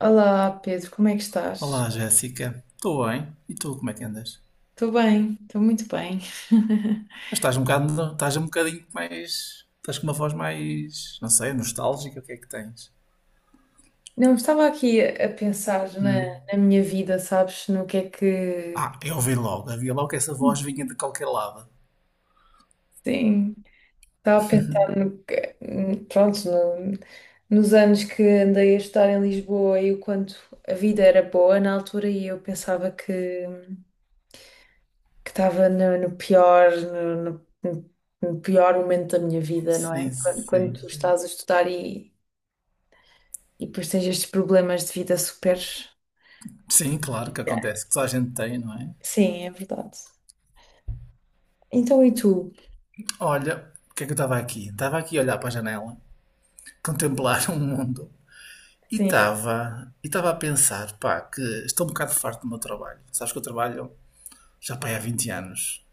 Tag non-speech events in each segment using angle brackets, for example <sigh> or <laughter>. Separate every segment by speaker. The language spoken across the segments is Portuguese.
Speaker 1: Olá, Pedro, como é que estás?
Speaker 2: Olá, Jéssica. Estou bem. E tu, como é que andas?
Speaker 1: Estou bem, estou muito bem. <laughs>
Speaker 2: Mas estás um bocadinho mais. Estás com uma voz mais, não sei, nostálgica, o que é que tens?
Speaker 1: Não, estava aqui a pensar na, na minha vida, sabes? No que é que.
Speaker 2: Ah, eu ouvi logo, havia logo que essa voz vinha de qualquer lado.
Speaker 1: Sim, estava a pensar no que. Pronto, nos anos que andei a estudar em Lisboa e o quanto a vida era boa na altura e eu pensava que estava no, no pior, no, no pior momento da minha vida, não é?
Speaker 2: Sim,
Speaker 1: Quando, quando
Speaker 2: sim,
Speaker 1: tu
Speaker 2: sim.
Speaker 1: estás a estudar e depois tens estes problemas de vida super.
Speaker 2: Sim, claro que acontece, que só a gente tem, não é?
Speaker 1: Sim, é verdade. Então, e tu?
Speaker 2: Olha, o que é que eu estava aqui? Estava aqui a olhar para a janela, contemplar o mundo. E
Speaker 1: Sim,
Speaker 2: estava, e estava a pensar, pá, que estou um bocado farto do meu trabalho. Sabes que eu trabalho já pá, há 20 anos.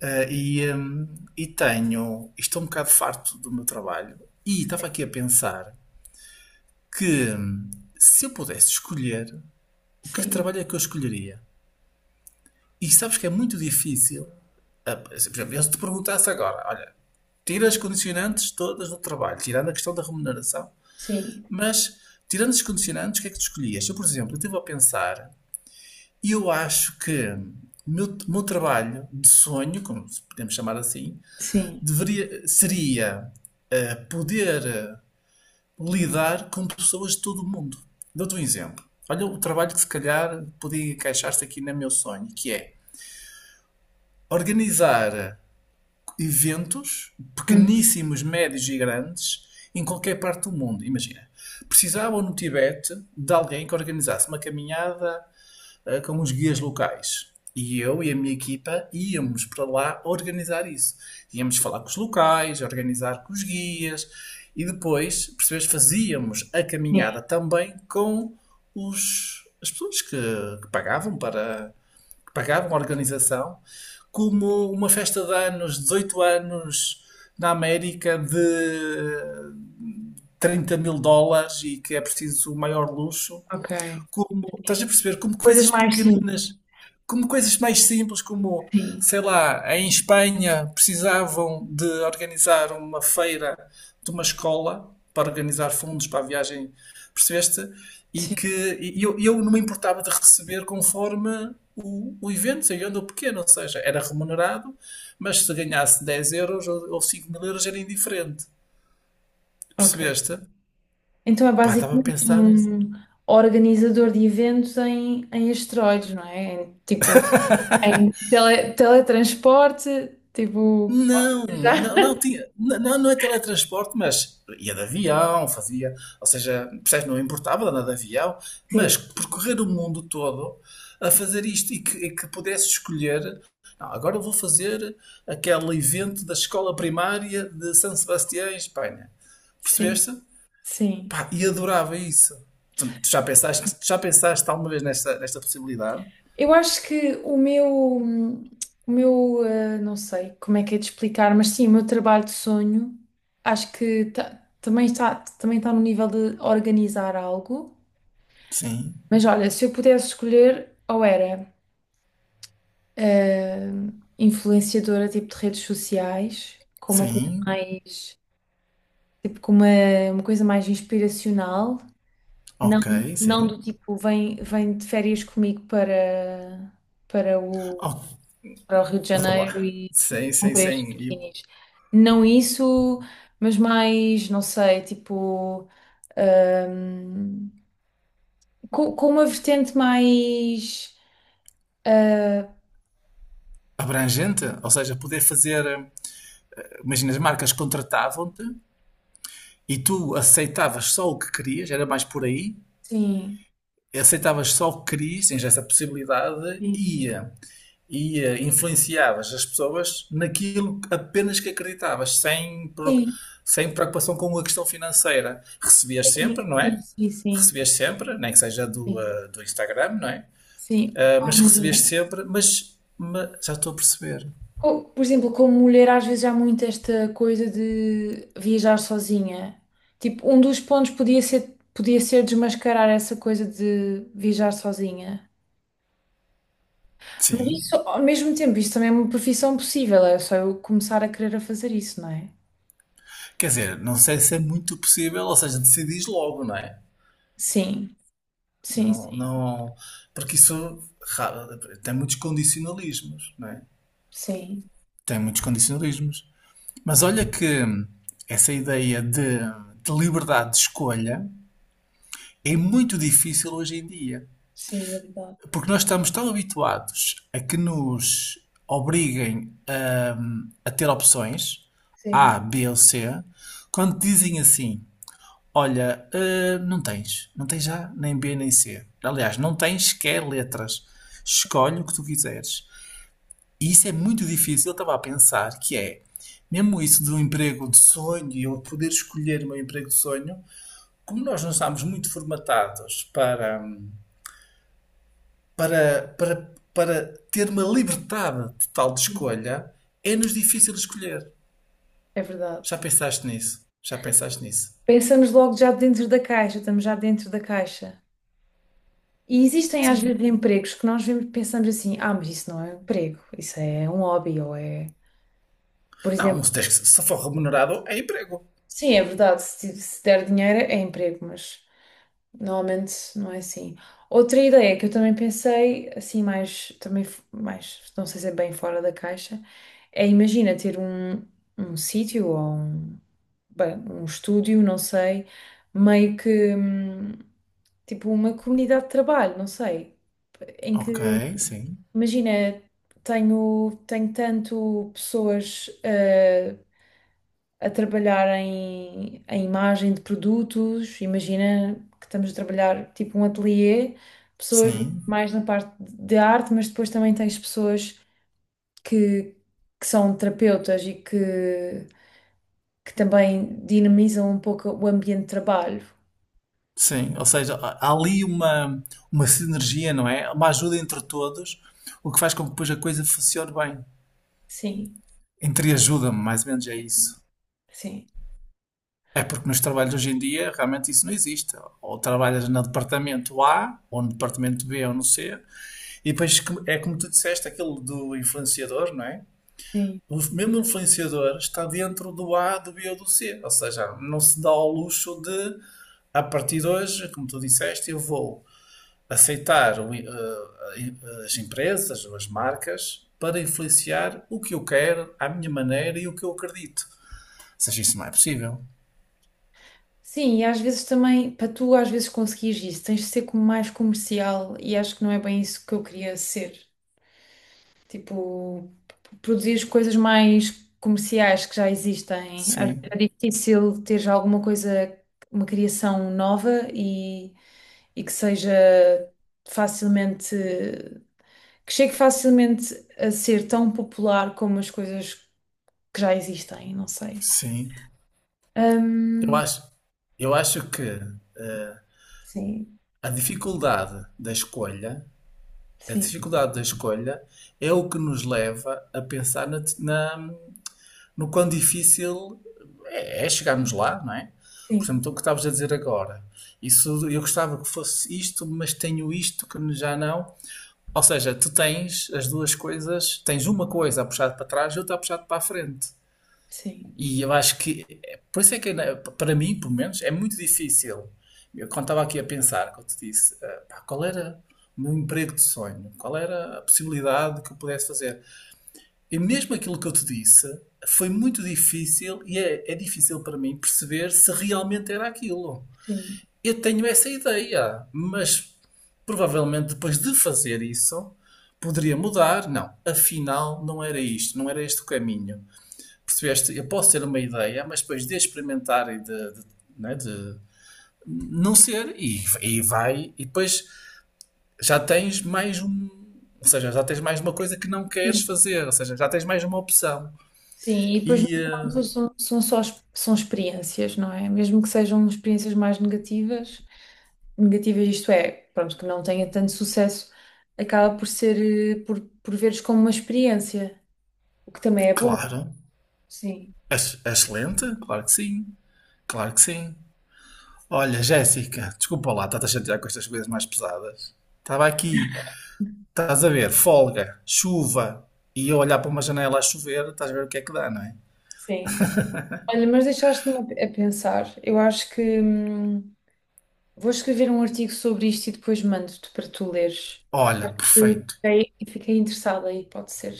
Speaker 2: Ah, e tenho. Estou um bocado farto do meu trabalho e estava aqui a pensar que se eu pudesse escolher o que
Speaker 1: sim,
Speaker 2: trabalho é que eu escolheria. E sabes que é muito difícil. Por exemplo, eu se te perguntasse agora, olha, tira as condicionantes todas do trabalho, tirando a questão da remuneração,
Speaker 1: sim,
Speaker 2: mas tirando as condicionantes, o que é que tu escolhias? Eu, por exemplo, eu estive a pensar e eu acho que o meu trabalho de sonho, como podemos chamar assim,
Speaker 1: sim.
Speaker 2: deveria, seria poder lidar com pessoas de todo o mundo. Dou-te um exemplo. Olha o trabalho que se calhar podia encaixar-se aqui no meu sonho, que é organizar eventos
Speaker 1: Uhum.
Speaker 2: pequeníssimos, médios e grandes em qualquer parte do mundo. Imagina, precisavam no Tibete de alguém que organizasse uma caminhada com os guias locais. E eu e a minha equipa íamos para lá organizar isso. Íamos falar com os locais, organizar com os guias e depois, percebes, fazíamos a
Speaker 1: Sim,
Speaker 2: caminhada também com as pessoas que pagavam para que pagavam a organização, como uma festa de anos, 18 anos na América de 30 mil dólares e que é preciso o maior luxo
Speaker 1: ok.
Speaker 2: como, estás a perceber, como
Speaker 1: Coisas
Speaker 2: coisas
Speaker 1: mais simples,
Speaker 2: pequeninas, como coisas mais simples, como,
Speaker 1: sim,
Speaker 2: sei lá, em Espanha precisavam de organizar uma feira de uma escola para organizar fundos para a viagem, percebeste? E
Speaker 1: sim,
Speaker 2: que e eu, eu não me importava de receber conforme o evento, seja onde ou pequeno, ou seja, era remunerado, mas se ganhasse 10 euros ou 5 mil euros era indiferente,
Speaker 1: ok.
Speaker 2: percebeste?
Speaker 1: Então é
Speaker 2: Pá, estava a
Speaker 1: basicamente
Speaker 2: pensar nisso.
Speaker 1: um organizador de eventos em, em asteroides, não é? Em, tipo, em teletransporte, tipo.
Speaker 2: Não,
Speaker 1: Já.
Speaker 2: não, não,
Speaker 1: <laughs>
Speaker 2: tinha, não, não é teletransporte, mas ia de avião, fazia, ou seja, percebes, não importava de andar de avião,
Speaker 1: Sim,
Speaker 2: mas percorrer o mundo todo a fazer isto e que pudesse escolher, não, agora eu vou fazer aquele evento da escola primária de San Sebastián, em Espanha.
Speaker 1: sim,
Speaker 2: Percebeste?
Speaker 1: sim.
Speaker 2: Pá, e adorava isso. Tu já pensaste alguma vez nesta possibilidade?
Speaker 1: Eu acho que o meu, não sei como é que é de explicar, mas sim, o meu trabalho de sonho, acho que também está no nível de organizar algo.
Speaker 2: Sim,
Speaker 1: Mas olha, se eu pudesse escolher, ou era, influenciadora tipo de redes sociais, com uma coisa
Speaker 2: sim,
Speaker 1: mais, tipo com uma coisa mais inspiracional, não,
Speaker 2: ok,
Speaker 1: não do
Speaker 2: sim.
Speaker 1: tipo vem, vem de férias comigo para, para o para o Rio de Janeiro
Speaker 2: Olá.
Speaker 1: e
Speaker 2: Sim, sim,
Speaker 1: comprei estes
Speaker 2: sim. E
Speaker 1: biquinis. Não isso, mas mais, não sei, tipo, hum, com uma vertente mais. ah,
Speaker 2: abrangente, ou seja, poder fazer. Imagina, as marcas contratavam-te e tu aceitavas só o que querias, era mais por aí.
Speaker 1: sim,
Speaker 2: Aceitavas só o que querias, tens essa possibilidade
Speaker 1: sim,
Speaker 2: e influenciavas as pessoas naquilo apenas que acreditavas,
Speaker 1: sim,
Speaker 2: sem preocupação com a questão financeira. Recebias sempre,
Speaker 1: sim,
Speaker 2: não
Speaker 1: sim,
Speaker 2: é?
Speaker 1: sim, sim.
Speaker 2: Recebias sempre, nem que seja do,
Speaker 1: Sim.
Speaker 2: do Instagram, não é?
Speaker 1: Sim. Ai,
Speaker 2: Mas recebias
Speaker 1: imagina.
Speaker 2: sempre, mas já estou a perceber.
Speaker 1: Por exemplo, como mulher, às vezes há muito esta coisa de viajar sozinha. Tipo, um dos pontos podia ser desmascarar essa coisa de viajar sozinha. Mas isso,
Speaker 2: Sim.
Speaker 1: ao mesmo tempo, isso também é uma profissão possível, é só eu começar a querer a fazer isso, não é?
Speaker 2: Quer dizer, não sei se é muito possível, ou seja, decidis logo, não é?
Speaker 1: Sim, sim,
Speaker 2: Não,
Speaker 1: sim,
Speaker 2: não, porque isso ra- tem muitos condicionalismos, não é?
Speaker 1: sim,
Speaker 2: Tem muitos condicionalismos. Mas olha que essa ideia de liberdade de escolha é muito difícil hoje em dia.
Speaker 1: sim, é verdade.
Speaker 2: Porque nós estamos tão habituados a que nos obriguem a ter opções
Speaker 1: Sim,
Speaker 2: A, B ou C, quando dizem assim, olha, não tens. Não tens A, nem B, nem C. Aliás, não tens sequer letras. Escolhe o que tu quiseres. E isso é muito difícil. Eu estava a pensar que é, mesmo isso de um emprego de sonho e eu poder escolher o meu emprego de sonho, como nós não estamos muito formatados para ter uma liberdade total de
Speaker 1: sim,
Speaker 2: escolha, é-nos difícil escolher.
Speaker 1: é verdade.
Speaker 2: Já pensaste nisso? Já pensaste nisso?
Speaker 1: Pensamos logo já dentro da caixa, estamos já dentro da caixa. E existem às vezes
Speaker 2: Sim.
Speaker 1: empregos que nós vemos, pensamos assim, ah, mas isso não é um emprego, isso é um hobby, ou é, por
Speaker 2: Não,
Speaker 1: exemplo.
Speaker 2: se for remunerado, é emprego.
Speaker 1: Sim, é verdade. Se, se der dinheiro é emprego, mas normalmente não é assim. Outra ideia que eu também pensei, assim, mais, também mais, não sei se é bem fora da caixa, é imagina ter um, um sítio ou um, bem, um estúdio, não sei, meio que tipo uma comunidade de trabalho, não sei, em
Speaker 2: Ok,
Speaker 1: que
Speaker 2: sim,
Speaker 1: imagina, tenho, tenho tanto pessoas. A trabalhar em, em imagem de produtos. Imagina que estamos a trabalhar tipo um ateliê, pessoas
Speaker 2: sim,
Speaker 1: mais na parte de arte, mas depois também tens pessoas que, que são terapeutas e que também dinamizam um pouco o ambiente de trabalho.
Speaker 2: sim. Ou seja, há ali uma sinergia, não é? Uma ajuda entre todos, o que faz com que depois a coisa funcione bem.
Speaker 1: Sim,
Speaker 2: Entre ajuda-me, mais ou menos é isso.
Speaker 1: sim.
Speaker 2: É porque nos trabalhos hoje em dia realmente isso não existe. Ou trabalhas no departamento A, ou no departamento B, ou no C, e depois é como tu disseste, aquilo do influenciador, não é?
Speaker 1: Sim.
Speaker 2: O mesmo influenciador está dentro do A, do B ou do C. Ou seja, não se dá ao luxo de, a partir de hoje, como tu disseste, eu vou aceitar as empresas ou as marcas para influenciar o que eu quero, à minha maneira e o que eu acredito. Ou seja, isso não é possível.
Speaker 1: Sim, e às vezes também, para tu às vezes conseguires isso, tens de ser como mais comercial e acho que não é bem isso que eu queria ser. Tipo, produzir coisas mais comerciais que já existem. Às vezes é
Speaker 2: Sim,
Speaker 1: difícil ter já alguma coisa, uma criação nova e que seja facilmente, que chegue facilmente a ser tão popular como as coisas que já existem, não sei.
Speaker 2: sim. Eu
Speaker 1: Hum,
Speaker 2: acho, eu acho que eh,
Speaker 1: sim,
Speaker 2: a dificuldade da escolha, a
Speaker 1: sim,
Speaker 2: dificuldade da escolha é o que nos leva a pensar no quão difícil é, é chegarmos lá, não é? Por exemplo,
Speaker 1: sim,
Speaker 2: então, o que estavas a dizer agora. Isso, eu gostava que fosse isto, mas tenho isto que já não. Ou seja, tu tens as duas coisas, tens uma coisa a puxar para trás e outra a puxar para a frente.
Speaker 1: sim,
Speaker 2: E eu acho que, é, por isso é que para mim, pelo menos, é muito difícil. Eu quando estava aqui a pensar, quando te disse, ah, pá, qual era o meu emprego de sonho? Qual era a possibilidade que eu pudesse fazer? E mesmo aquilo que eu te disse foi muito difícil e é, é difícil para mim perceber se realmente era aquilo.
Speaker 1: sim.
Speaker 2: Eu tenho essa ideia, mas provavelmente depois de fazer isso poderia mudar. Não, afinal não era isto, não era este o caminho. Percebeste? Eu posso ter uma ideia, mas depois de experimentar e de não ser, e depois já tens mais um. Ou seja, já tens mais uma coisa que não queres fazer, ou seja, já tens mais uma opção.
Speaker 1: Sim, e depois no
Speaker 2: E,
Speaker 1: final
Speaker 2: eh,
Speaker 1: tudo são, são só são experiências, não é? Mesmo que sejam experiências mais negativas, negativas isto é, pronto, que não tenha tanto sucesso, acaba por ser, por veres como uma experiência, o que também é bom.
Speaker 2: claro,
Speaker 1: Sim,
Speaker 2: excelente, claro que sim, claro que sim. Olha, Jéssica, desculpa lá, estás a chatear com estas coisas mais pesadas. Estava aqui, estás a ver, folga, chuva, e eu olhar para uma janela a chover, estás a ver o que é que dá, não é?
Speaker 1: sim. Olha, mas deixaste-me a pensar. Eu acho que vou escrever um artigo sobre isto e depois mando-te para tu leres.
Speaker 2: Olha,
Speaker 1: Eu
Speaker 2: perfeito,
Speaker 1: fiquei, fiquei interessada aí, pode ser.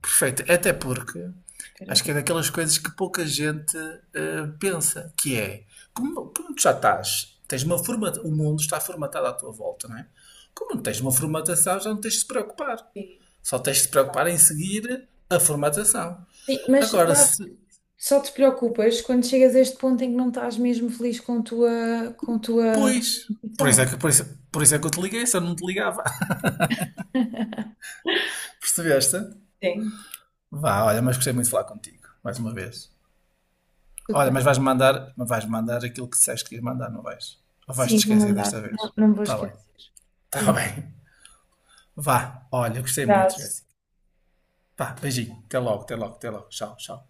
Speaker 2: perfeito. Até porque
Speaker 1: Espera.
Speaker 2: acho que é daquelas coisas que pouca gente pensa, que é, como tu já estás, tens uma forma, o mundo está formatado à tua volta, não é? Como não tens uma formatação, já não tens de se preocupar.
Speaker 1: Sim,
Speaker 2: Só tens de te preocupar em seguir a formatação.
Speaker 1: sim, mas
Speaker 2: Agora,
Speaker 1: eu acho
Speaker 2: se.
Speaker 1: só te preocupas quando chegas a este ponto em que não estás mesmo feliz com a tua
Speaker 2: Pois. Por isso é
Speaker 1: profissão.
Speaker 2: que, por isso, por isso é que eu te liguei, se eu não te ligava.
Speaker 1: <laughs>
Speaker 2: <laughs> Percebeste?
Speaker 1: Sim,
Speaker 2: Vá, olha, mas gostei muito de falar contigo. Mais uma vez.
Speaker 1: tudo
Speaker 2: Olha,
Speaker 1: bem.
Speaker 2: mas vais mandar aquilo que disseste que ias mandar, não vais? Ou vais-te
Speaker 1: Sim, vou
Speaker 2: esquecer
Speaker 1: mandar.
Speaker 2: desta
Speaker 1: Não,
Speaker 2: vez?
Speaker 1: não vou
Speaker 2: Tá bem.
Speaker 1: esquecer. Por
Speaker 2: Tá bem. Vá, olha, gostei
Speaker 1: mim,
Speaker 2: muito, Jéssica. Vá, beijinho. Até logo, até logo, até logo. Tchau, tchau.